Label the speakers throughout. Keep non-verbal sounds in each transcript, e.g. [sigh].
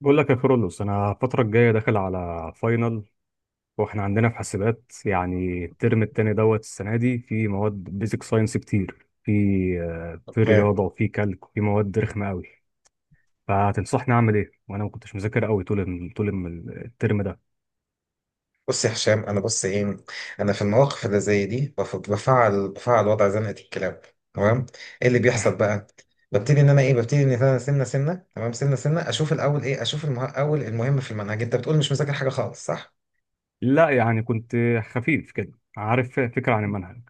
Speaker 1: بقول لك يا كرولوس، انا الفتره الجايه داخل على فاينل. واحنا عندنا في حاسبات، يعني الترم التاني دوت السنه دي، في مواد بيزك ساينس كتير. في
Speaker 2: فاهم.
Speaker 1: رياضه وفي كالك وفي مواد رخمه قوي. فتنصحني اعمل ايه؟ وانا ما كنتش مذاكر قوي الترم ده.
Speaker 2: بص يا هشام، انا بص ايه انا في المواقف اللي زي دي بفعل وضع زنقه الكلاب. تمام، ايه اللي بيحصل
Speaker 1: [laughs]
Speaker 2: بقى؟ ببتدي ان انا سنه سنه. تمام، سنه سنه اشوف الاول ايه، اشوف المه... اول المهم في المنهج. انت بتقول مش مذاكر حاجه خالص، صح؟
Speaker 1: لا، يعني كنت خفيف كده، عارف فكره عن المنهج.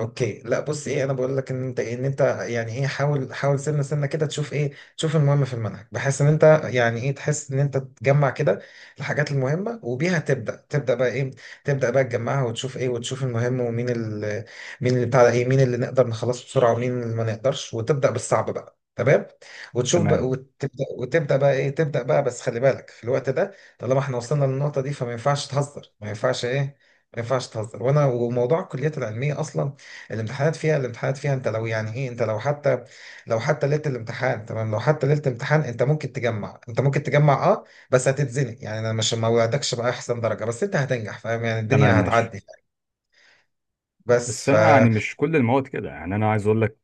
Speaker 2: اوكي، لا بص ايه، انا بقول لك ان انت يعني ايه، حاول حاول سنه سنه كده تشوف ايه، تشوف المهم في المنهج، بحيث ان انت يعني ايه تحس ان انت تجمع كده الحاجات المهمه، وبيها تبدا بقى ايه، تبدا بقى تجمعها وتشوف ايه، وتشوف المهم ومين مين اللي بتاع ده، ايه مين اللي نقدر نخلصه بسرعه ومين اللي ما نقدرش، وتبدا بالصعب بقى. تمام، وتشوف بقى
Speaker 1: تمام.
Speaker 2: وتبدا بقى ايه، تبدا بقى، بس خلي بالك في الوقت ده. طالما احنا وصلنا للنقطه دي فما ينفعش تهزر، ما ينفعش ايه، ما ينفعش تهزر. وانا وموضوع الكليات العلميه اصلا، الامتحانات فيها انت لو يعني ايه، انت لو حتى، لو حتى ليله الامتحان، تمام، لو حتى ليله الامتحان انت ممكن تجمع، انت ممكن تجمع، اه بس هتتزنق. يعني انا مش ما وعدكش باحسن درجه، بس انت هتنجح، فاهم؟ يعني
Speaker 1: تمام
Speaker 2: الدنيا
Speaker 1: ماشي.
Speaker 2: هتعدي. بس
Speaker 1: بس
Speaker 2: ف
Speaker 1: انا يعني مش كل المواد كده، يعني انا عايز اقول لك.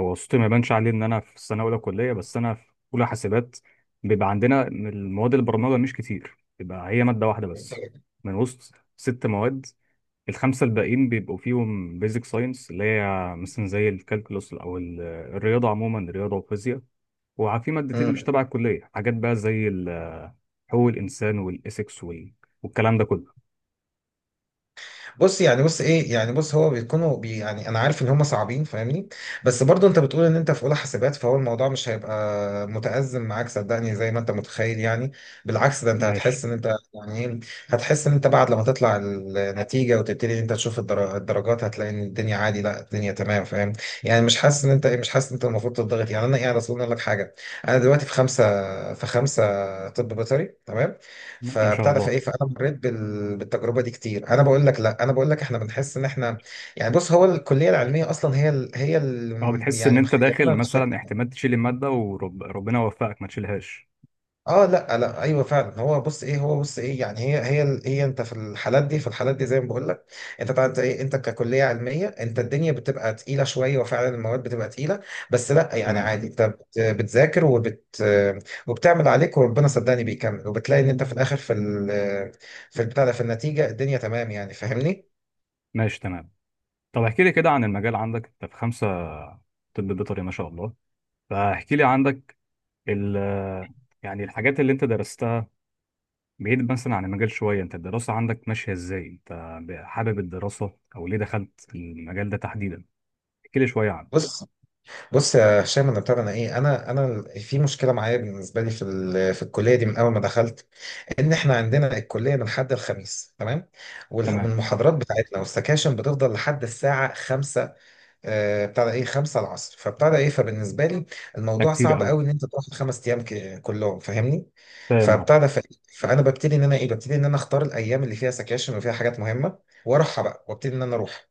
Speaker 1: هو صوتي ما يبانش عليه ان انا في السنه اولى كليه، بس انا في اولى حاسبات. بيبقى عندنا المواد البرمجه مش كتير، بيبقى هي ماده واحده بس من وسط ست مواد. الخمسه الباقيين بيبقوا فيهم بيزك ساينس، اللي هي مثلا زي الكالكولوس او الرياضه عموما، الرياضه والفيزياء. وفي مادتين مش
Speaker 2: مم.
Speaker 1: تبع الكليه، حاجات بقى زي حقوق الانسان والايثكس والكلام ده كله.
Speaker 2: بص يعني بص ايه، يعني بص هو بيكونوا بي، يعني انا عارف ان هم صعبين فاهمني، بس برضو انت بتقول ان انت في اولى حاسبات، فهو الموضوع مش هيبقى متأزم معاك صدقني زي ما انت متخيل يعني. بالعكس، ده انت
Speaker 1: ماشي.
Speaker 2: هتحس ان انت يعني ايه، هتحس ان انت بعد لما تطلع النتيجة وتبتدي ان انت تشوف الدرجات، هتلاقي ان الدنيا عادي، لا الدنيا تمام، فاهم؟ يعني مش حاسس ان انت ايه، مش حاسس ان انت المفروض تضغط. يعني انا يعني اصل اقول لك حاجة، انا دلوقتي في خمسة، في خمسة طب بيطري، تمام.
Speaker 1: ما شاء
Speaker 2: فبتاع ده
Speaker 1: الله.
Speaker 2: فايه، فانا مريت بالتجربه دي كتير. انا بقول لك لا، انا بقول لك احنا بنحس ان احنا، يعني بص هو الكليه العلميه اصلا،
Speaker 1: اه، بتحس ان
Speaker 2: يعني
Speaker 1: انت داخل
Speaker 2: مخيبنا بالشكل
Speaker 1: مثلا
Speaker 2: ده.
Speaker 1: احتمال تشيل الماده، وربنا يوفقك ما تشيلهاش.
Speaker 2: اه لا لا، ايوه فعلا، هو بص ايه، هو بص ايه، يعني هي انت في الحالات دي، في الحالات دي زي ما بقول لك، انت طبعا انت ايه، انت ككليه علميه انت الدنيا بتبقى تقيله شويه، وفعلا المواد بتبقى تقيله. بس لا يعني
Speaker 1: تمام
Speaker 2: عادي، انت بتذاكر وبت، وبتعمل عليك وربنا صدقني بيكمل، وبتلاقي ان انت في الاخر في ال، في البتاع ده، في النتيجه الدنيا تمام يعني، فاهمني؟
Speaker 1: ماشي. تمام. طب احكي لي كده عن المجال عندك، انت في خمسة طب بيطري، ما شاء الله. فاحكي لي عندك ال يعني الحاجات اللي انت درستها، بعيد مثلا عن المجال شوية، انت الدراسة عندك ماشية ازاي؟ انت حابب الدراسة؟ او ليه دخلت المجال ده تحديدا؟ احكي لي شوية عنه.
Speaker 2: بص، بص يا هشام، انا بتاع انا ايه، انا انا في مشكله معايا بالنسبه لي في الكليه دي من اول ما دخلت، ان احنا عندنا الكليه من حد الخميس، تمام.
Speaker 1: تمام.
Speaker 2: والمحاضرات بتاعتنا والسكاشن بتفضل لحد الساعه 5، بتاع ده ايه، 5 العصر، فبتاع ده ايه، فبالنسبه لي
Speaker 1: ده
Speaker 2: الموضوع
Speaker 1: كتير
Speaker 2: صعب
Speaker 1: قوي.
Speaker 2: قوي ان انت تاخد خمس ايام كلهم فاهمني.
Speaker 1: فاهم، اه.
Speaker 2: فبتاع ده ف، فانا ببتدي ان انا اختار الايام اللي فيها سكاشن وفيها حاجات مهمه واروحها بقى، وابتدي ان انا اروح.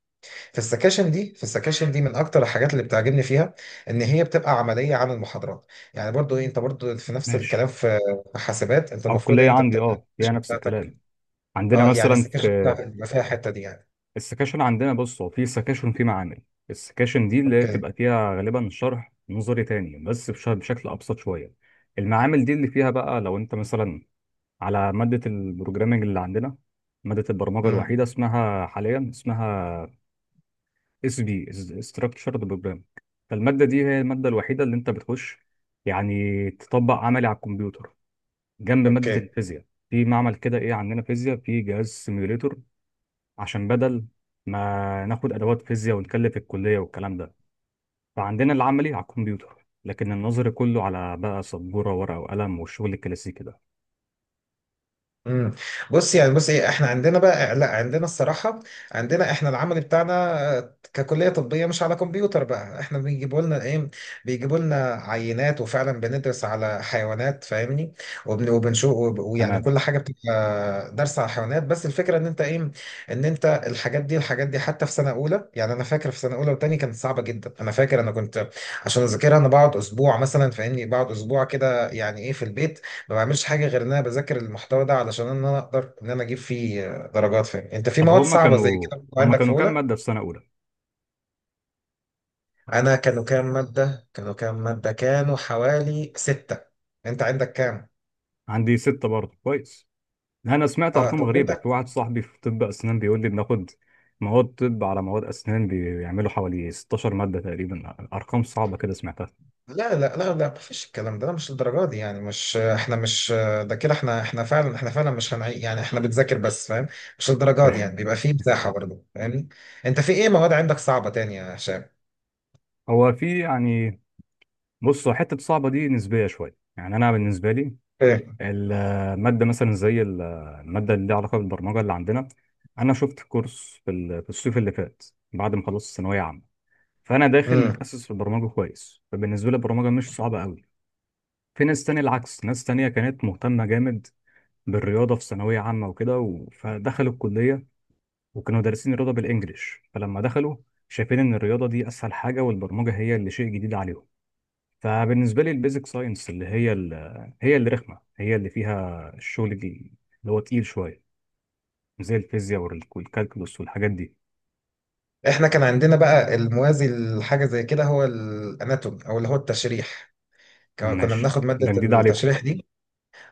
Speaker 2: في السكاشن دي، في السكاشن دي من اكتر الحاجات اللي بتعجبني فيها ان هي بتبقى عمليه عن المحاضرات. يعني برضو إيه، انت برضو في نفس الكلام
Speaker 1: ماشي.
Speaker 2: في، في حاسبات انت
Speaker 1: او
Speaker 2: المفروض إن
Speaker 1: الكلية
Speaker 2: انت
Speaker 1: عندي اه هي
Speaker 2: السكاشن
Speaker 1: نفس
Speaker 2: بتاعتك،
Speaker 1: الكلام. عندنا
Speaker 2: اه يعني
Speaker 1: مثلا
Speaker 2: السكاشن بتاعتك بيبقى فيها الحته دي يعني.
Speaker 1: السكاشن عندنا، بص هو في سكاشن في معامل. السكاشن دي اللي
Speaker 2: اوكي،
Speaker 1: بتبقى فيها غالبا شرح نظري تاني، بس بشكل ابسط شويه. المعامل دي اللي فيها بقى لو انت مثلا على ماده البروجرامنج اللي عندنا، ماده البرمجه الوحيده
Speaker 2: امم،
Speaker 1: اسمها حاليا اس بي، استراكشرد بروجرام. فالماده دي هي الماده الوحيده اللي انت بتخش يعني تطبق عملي على الكمبيوتر، جنب ماده
Speaker 2: اوكي،
Speaker 1: الفيزياء. في معمل كده ايه، عندنا فيزياء في جهاز سيميوليتور، عشان بدل ما ناخد ادوات فيزياء ونكلف الكليه والكلام ده. فعندنا العملي على الكمبيوتر، لكن النظري كله على بقى سبوره ورقه وقلم والشغل الكلاسيكي ده.
Speaker 2: امم. بص يعني بص ايه، احنا عندنا بقى، لا عندنا الصراحه، عندنا احنا العمل بتاعنا، ككليه طبيه مش على كمبيوتر بقى، احنا بيجيبوا لنا ايه، بيجيبوا لنا عينات وفعلا بندرس على حيوانات فاهمني، وبنشوف ويعني
Speaker 1: تمام.
Speaker 2: كل حاجه بتبقى درس على حيوانات، بس الفكره ان انت ايه، ان انت الحاجات دي، الحاجات دي حتى في سنه اولى. يعني انا فاكر في سنه اولى وتاني كانت صعبه جدا، انا فاكر انا كنت عشان اذاكرها انا بقعد اسبوع مثلا فاهمني، بقعد اسبوع كده يعني ايه في البيت، لو ما بعملش حاجه غير ان انا بذاكر المحتوى ده علشان ان انا اقدر ان انا اجيب فيه درجات فيه. انت في
Speaker 1: طب
Speaker 2: مواد
Speaker 1: هما
Speaker 2: صعبه زي
Speaker 1: كانوا
Speaker 2: كده كنت
Speaker 1: هما
Speaker 2: عندك في
Speaker 1: كانوا كام
Speaker 2: اولى؟
Speaker 1: ماده في سنه اولى؟
Speaker 2: انا كانوا كام ماده كانوا حوالي سته، انت عندك كام؟
Speaker 1: عندي سته برضه، كويس. انا سمعت
Speaker 2: اه
Speaker 1: ارقام
Speaker 2: طب
Speaker 1: غريبه، في
Speaker 2: انت،
Speaker 1: واحد صاحبي في طب اسنان بيقول لي بناخد مواد طب على مواد اسنان، بيعملوا حوالي 16 ماده تقريبا. ارقام صعبه كده سمعتها.
Speaker 2: لا مفيش الكلام ده، لا، مش الدرجات دي، يعني مش احنا مش، ده كده احنا، احنا فعلا، احنا فعلا مش هنعيد، يعني احنا بنذاكر بس فاهم، مش الدرجات دي يعني،
Speaker 1: [laughs]
Speaker 2: بيبقى فيه مساحه برضه فاهمني. انت في ايه مواد عندك صعبه تانية يا هشام؟
Speaker 1: هو في يعني، بصوا، حته صعبه دي نسبيه شويه. يعني انا بالنسبه لي،
Speaker 2: ايه،
Speaker 1: المادة مثلا زي المادة اللي ليها علاقة بالبرمجة اللي عندنا. أنا شفت كورس في الصيف اللي فات بعد ما خلصت ثانوية عامة، فأنا داخل
Speaker 2: امم.
Speaker 1: متأسس في البرمجة كويس، فبالنسبة لي البرمجة مش صعبة أوي. في ناس تانية العكس، ناس تانية كانت مهتمة جامد بالرياضة في ثانوية عامة وكده فدخلوا الكلية، وكانوا دارسين الرياضة بالإنجليش، فلما دخلوا شايفين إن الرياضة دي أسهل حاجة والبرمجة هي اللي شيء جديد عليهم. فبالنسبه لي البيزك ساينس اللي هي اللي رخمه، هي اللي فيها الشغل دي، اللي هو تقيل شويه، زي الفيزياء والكالكولوس والحاجات دي.
Speaker 2: احنا كان عندنا بقى الموازي لحاجه زي كده هو الاناتوم، او اللي هو التشريح، كنا
Speaker 1: ماشي.
Speaker 2: بناخد ماده
Speaker 1: ده جديد عليكم.
Speaker 2: التشريح دي.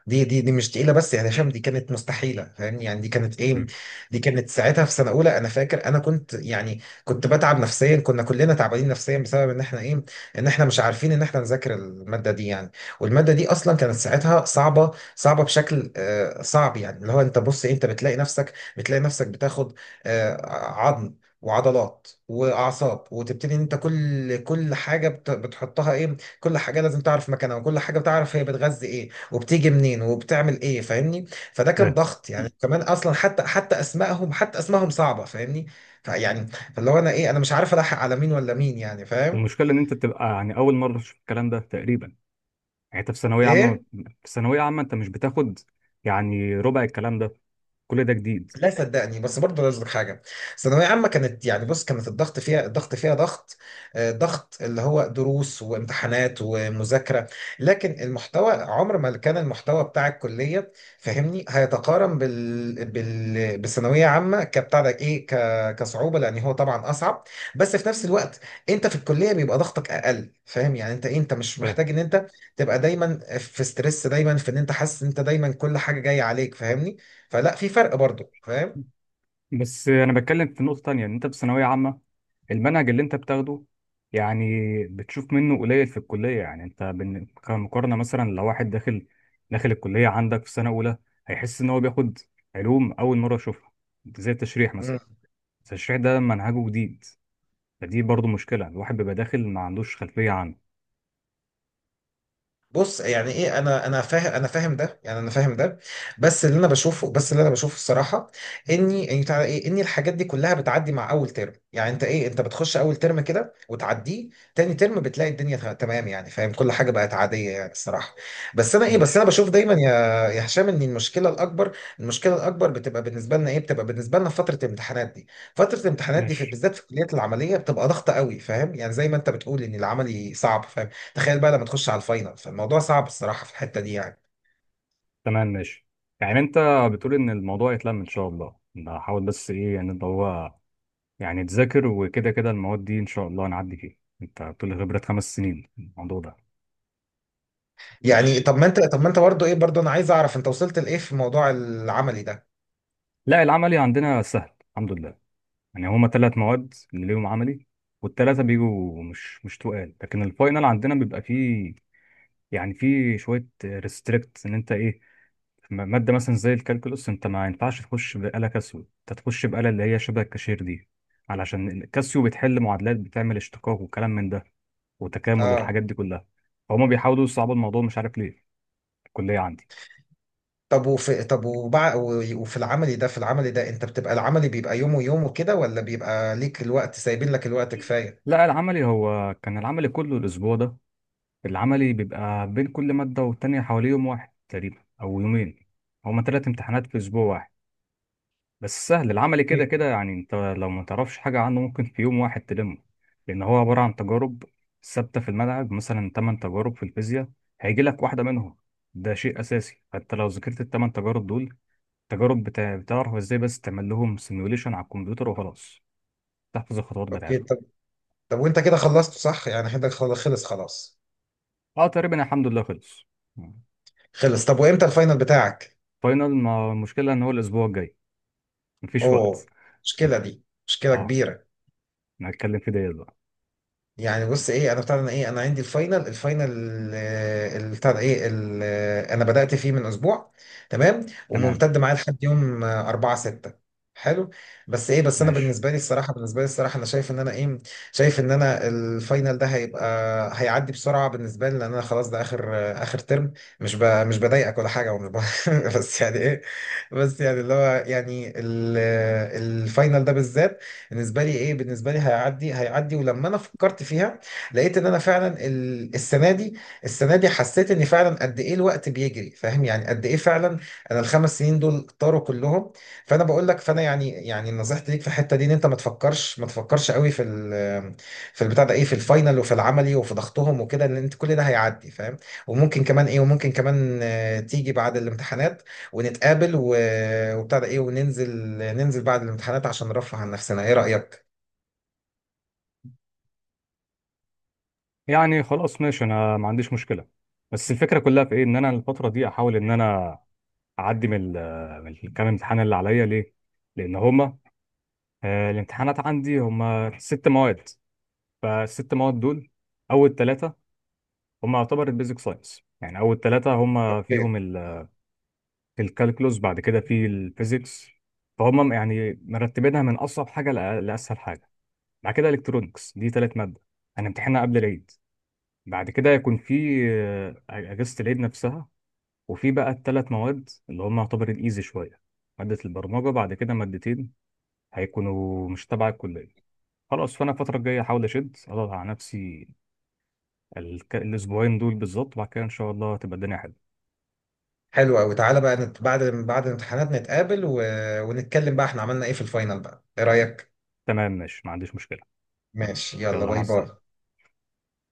Speaker 2: دي مش تقيله، بس يعني هشام دي كانت مستحيله فاهمني، يعني دي كانت ايه،
Speaker 1: مم.
Speaker 2: دي كانت ساعتها في سنه اولى. انا فاكر انا كنت يعني كنت بتعب نفسيا، كنا كلنا تعبانين نفسيا بسبب ان احنا ايه، ان احنا مش عارفين ان احنا نذاكر الماده دي يعني. والماده دي اصلا كانت ساعتها صعبه، صعبه بشكل آه صعب، يعني اللي هو انت بص إيه، انت بتلاقي نفسك بتاخد آه عظم وعضلات واعصاب، وتبتدي ان انت كل حاجه بتحطها ايه، كل حاجه لازم تعرف مكانها، وكل حاجه بتعرف هي بتغذي ايه وبتيجي منين وبتعمل ايه فاهمني. فده كان
Speaker 1: فاهم.
Speaker 2: ضغط
Speaker 1: مم.
Speaker 2: يعني، كمان اصلا حتى، حتى اسمائهم صعبه فاهمني. فيعني فاللي هو انا ايه، انا مش عارف الحق على مين ولا مين يعني، فاهم؟
Speaker 1: والمشكله ان انت بتبقى يعني اول مره تشوف الكلام ده تقريبا. يعني انت في ثانويه عامه
Speaker 2: ايه،
Speaker 1: في ثانويه عامه انت مش بتاخد يعني ربع الكلام ده. كل ده جديد.
Speaker 2: لا صدقني، بس برضه عايز أقولك حاجه، ثانويه عامه كانت يعني بص، كانت الضغط فيها، الضغط فيها ضغط، ضغط اللي هو دروس وامتحانات ومذاكره، لكن المحتوى عمر ما كان المحتوى بتاع الكليه فاهمني هيتقارن بالثانويه عامه، كبتاع ده ايه، كصعوبه، لان هو طبعا اصعب. بس في نفس الوقت انت في الكليه بيبقى ضغطك اقل، فاهم يعني؟ انت إيه؟ انت مش
Speaker 1: فاهم.
Speaker 2: محتاج ان انت تبقى دايما في ستريس، دايما في ان انت حاسس ان انت دايما كل حاجه جايه عليك فاهمني. فلا في فرق برضه، فاهم؟
Speaker 1: بس انا بتكلم في نقطه تانية، ان انت في ثانويه عامه المنهج اللي انت بتاخده يعني بتشوف منه قليل في الكلية. يعني انت كمقارنة مثلا، لو واحد داخل الكلية عندك في سنة أولى، هيحس إن هو بياخد علوم أول مرة يشوفها، زي التشريح مثلا. التشريح ده منهجه جديد، فدي برضو مشكلة، الواحد بيبقى داخل ما عندوش خلفية عنه.
Speaker 2: بص يعني ايه، انا فاهم، انا فاهم ده، يعني انا فاهم ده، بس اللي انا بشوفه، بس اللي انا بشوفه الصراحه، اني بتاع ايه، ان الحاجات دي كلها بتعدي مع اول ترم. يعني انت ايه، انت بتخش اول ترم كده وتعديه، تاني ترم بتلاقي الدنيا تمام يعني فاهم، كل حاجه بقت عاديه يعني الصراحه. بس انا ايه، بس انا
Speaker 1: ماشي.
Speaker 2: بشوف دايما يا، يا هشام، ان المشكله الاكبر بتبقى بالنسبه لنا ايه، بتبقى بالنسبه لنا فتره الامتحانات دي. فتره الامتحانات دي في
Speaker 1: ماشي
Speaker 2: بالذات في الكليات العمليه بتبقى ضغطه قوي، فاهم يعني، زي ما انت بتقول ان العملي صعب، فاهم، تخيل بقى لما تخش على الفاينل، فالموضوع صعب الصراحه في الحته دي يعني.
Speaker 1: تمام ماشي. يعني انت بتقول ان الموضوع يتلم ان شاء الله، بحاول، بس ايه يعني اللي هو يعني تذاكر وكده كده، المواد دي ان شاء الله نعدي فيها. انت بتقول لي خبرة خمس سنين الموضوع ده.
Speaker 2: يعني
Speaker 1: ماشي.
Speaker 2: طب ما انت، طب ما انت برضه ايه، برضه انا عايز اعرف انت وصلت لايه في موضوع العملي ده؟
Speaker 1: لا العملي عندنا سهل الحمد لله. يعني هما ثلاث مواد اللي ليهم عملي، والثلاثة بيجوا مش تقال. لكن الفاينل عندنا بيبقى فيه يعني فيه شوية ريستريكت، ان انت ايه مادة مثلا زي الكالكولوس، انت ما ينفعش تخش بآلة كاسيو، انت تخش بآلة اللي هي شبه الكاشير دي، علشان الكاسيو بتحل معادلات، بتعمل اشتقاق وكلام من ده وتكامل
Speaker 2: اه
Speaker 1: والحاجات دي كلها. فهم بيحاولوا يصعبوا الموضوع، مش عارف ليه، في الكلية عندي.
Speaker 2: طب وفي طب وفي العملي ده، في العملي ده انت بتبقى العملي بيبقى يوم ويوم وكده، ولا بيبقى ليك الوقت سايبين لك الوقت كفايه؟
Speaker 1: لا العملي هو كان العملي كله الأسبوع ده. العملي بيبقى بين كل مادة والتانية حوالي يوم واحد تقريبا أو يومين. هما تلات امتحانات في أسبوع واحد، بس سهل العملي كده كده،
Speaker 2: أكيد.
Speaker 1: يعني أنت لو ما تعرفش حاجة عنه ممكن في يوم واحد تلمه، لأن هو عبارة عن تجارب ثابتة في الملعب، مثلا تمن تجارب في الفيزياء، هيجي لك واحدة منهم، ده شيء أساسي. فأنت لو ذاكرت التمن تجارب دول، تجارب بتعرف إزاي بس تعمل لهم سيميوليشن على الكمبيوتر وخلاص، تحفظ الخطوات
Speaker 2: اوكي
Speaker 1: بتاعتهم.
Speaker 2: طب، طب وانت كده خلصت صح يعني، حدك خلص خلاص؟
Speaker 1: أه تقريبا الحمد لله خلص.
Speaker 2: خلص؟ طب وامتى الفاينل بتاعك؟
Speaker 1: فاينل، ما المشكلة إن هو الأسبوع الجاي، مفيش وقت.
Speaker 2: اوه، مشكله، دي مشكله
Speaker 1: اه.
Speaker 2: كبيره.
Speaker 1: نتكلم في ديت بقى.
Speaker 2: يعني بص ايه، انا بتاع ده انا ايه، انا عندي الفاينل، الفاينل، بتاع ده ايه، انا بدأت فيه من اسبوع، تمام،
Speaker 1: تمام
Speaker 2: وممتد معايا لحد يوم 4 6. حلو، بس ايه، بس انا
Speaker 1: ماشي.
Speaker 2: بالنسبه لي الصراحه، بالنسبه لي الصراحه انا شايف ان انا ايه، شايف ان انا الفاينل ده هيبقى، هيعدي بسرعه بالنسبه لي، لان انا خلاص ده اخر، اخر ترم. مش ب، مش بضايقك ولا حاجه، ومش ب [laughs] بس يعني ايه، بس يعني اللي هو يعني الفاينل ده بالذات بالنسبه لي ايه، بالنسبه لي هيعدي، هيعدي. ولما انا فكرت فيها لقيت ان انا فعلا السنه دي، السنه دي حسيت ان فعلا قد ايه الوقت بيجري فاهم يعني، قد ايه فعلا انا الخمس سنين دول طاروا كلهم. فانا بقول لك، فانا يعني، يعني نصيحتي ليك في الحته دي ان انت ما تفكرش قوي في ال، في البتاع ده ايه، في الفاينل وفي العملي وفي ضغطهم وكده، لان انت كل ده هيعدي فاهم. وممكن كمان ايه، وممكن كمان تيجي بعد الامتحانات ونتقابل و، وبتاع ده ايه، وننزل، ننزل بعد الامتحانات عشان نرفه عن نفسنا، ايه رأيك؟
Speaker 1: يعني خلاص ماشي، انا ما عنديش مشكله، بس الفكره كلها في ايه، ان انا الفتره دي احاول ان انا اعدي من الكام امتحان اللي عليا ليه، لان هما الامتحانات عندي هما ست مواد. فالست مواد دول، اول ثلاثه هما يعتبر البيزك ساينس، يعني اول ثلاثه هما
Speaker 2: اوكي،
Speaker 1: فيهم الكالكولوس، بعد كده في الفيزيكس، فهم يعني مرتبينها من اصعب حاجه لاسهل حاجه. بعد كده الكترونكس، دي ثلاث ماده هنمتحنها قبل العيد. بعد كده يكون في أجازة العيد نفسها، وفي بقى الثلاث مواد اللي هم يعتبر الإيزي شوية، مادة البرمجة، بعد كده مادتين هيكونوا مش تبع الكلية. خلاص، فأنا الفترة الجاية أحاول أشد أضغط على نفسي الأسبوعين دول بالظبط، وبعد كده إن شاء الله تبقى الدنيا حلوة.
Speaker 2: حلو قوي، تعالى بقى بعد، بعد الامتحانات نتقابل و، ونتكلم بقى احنا عملنا ايه في الفاينل بقى، ايه رأيك؟
Speaker 1: تمام ماشي، ما عنديش مشكلة. ماشي،
Speaker 2: ماشي يلا،
Speaker 1: يلا مع
Speaker 2: باي باي.
Speaker 1: السلامة.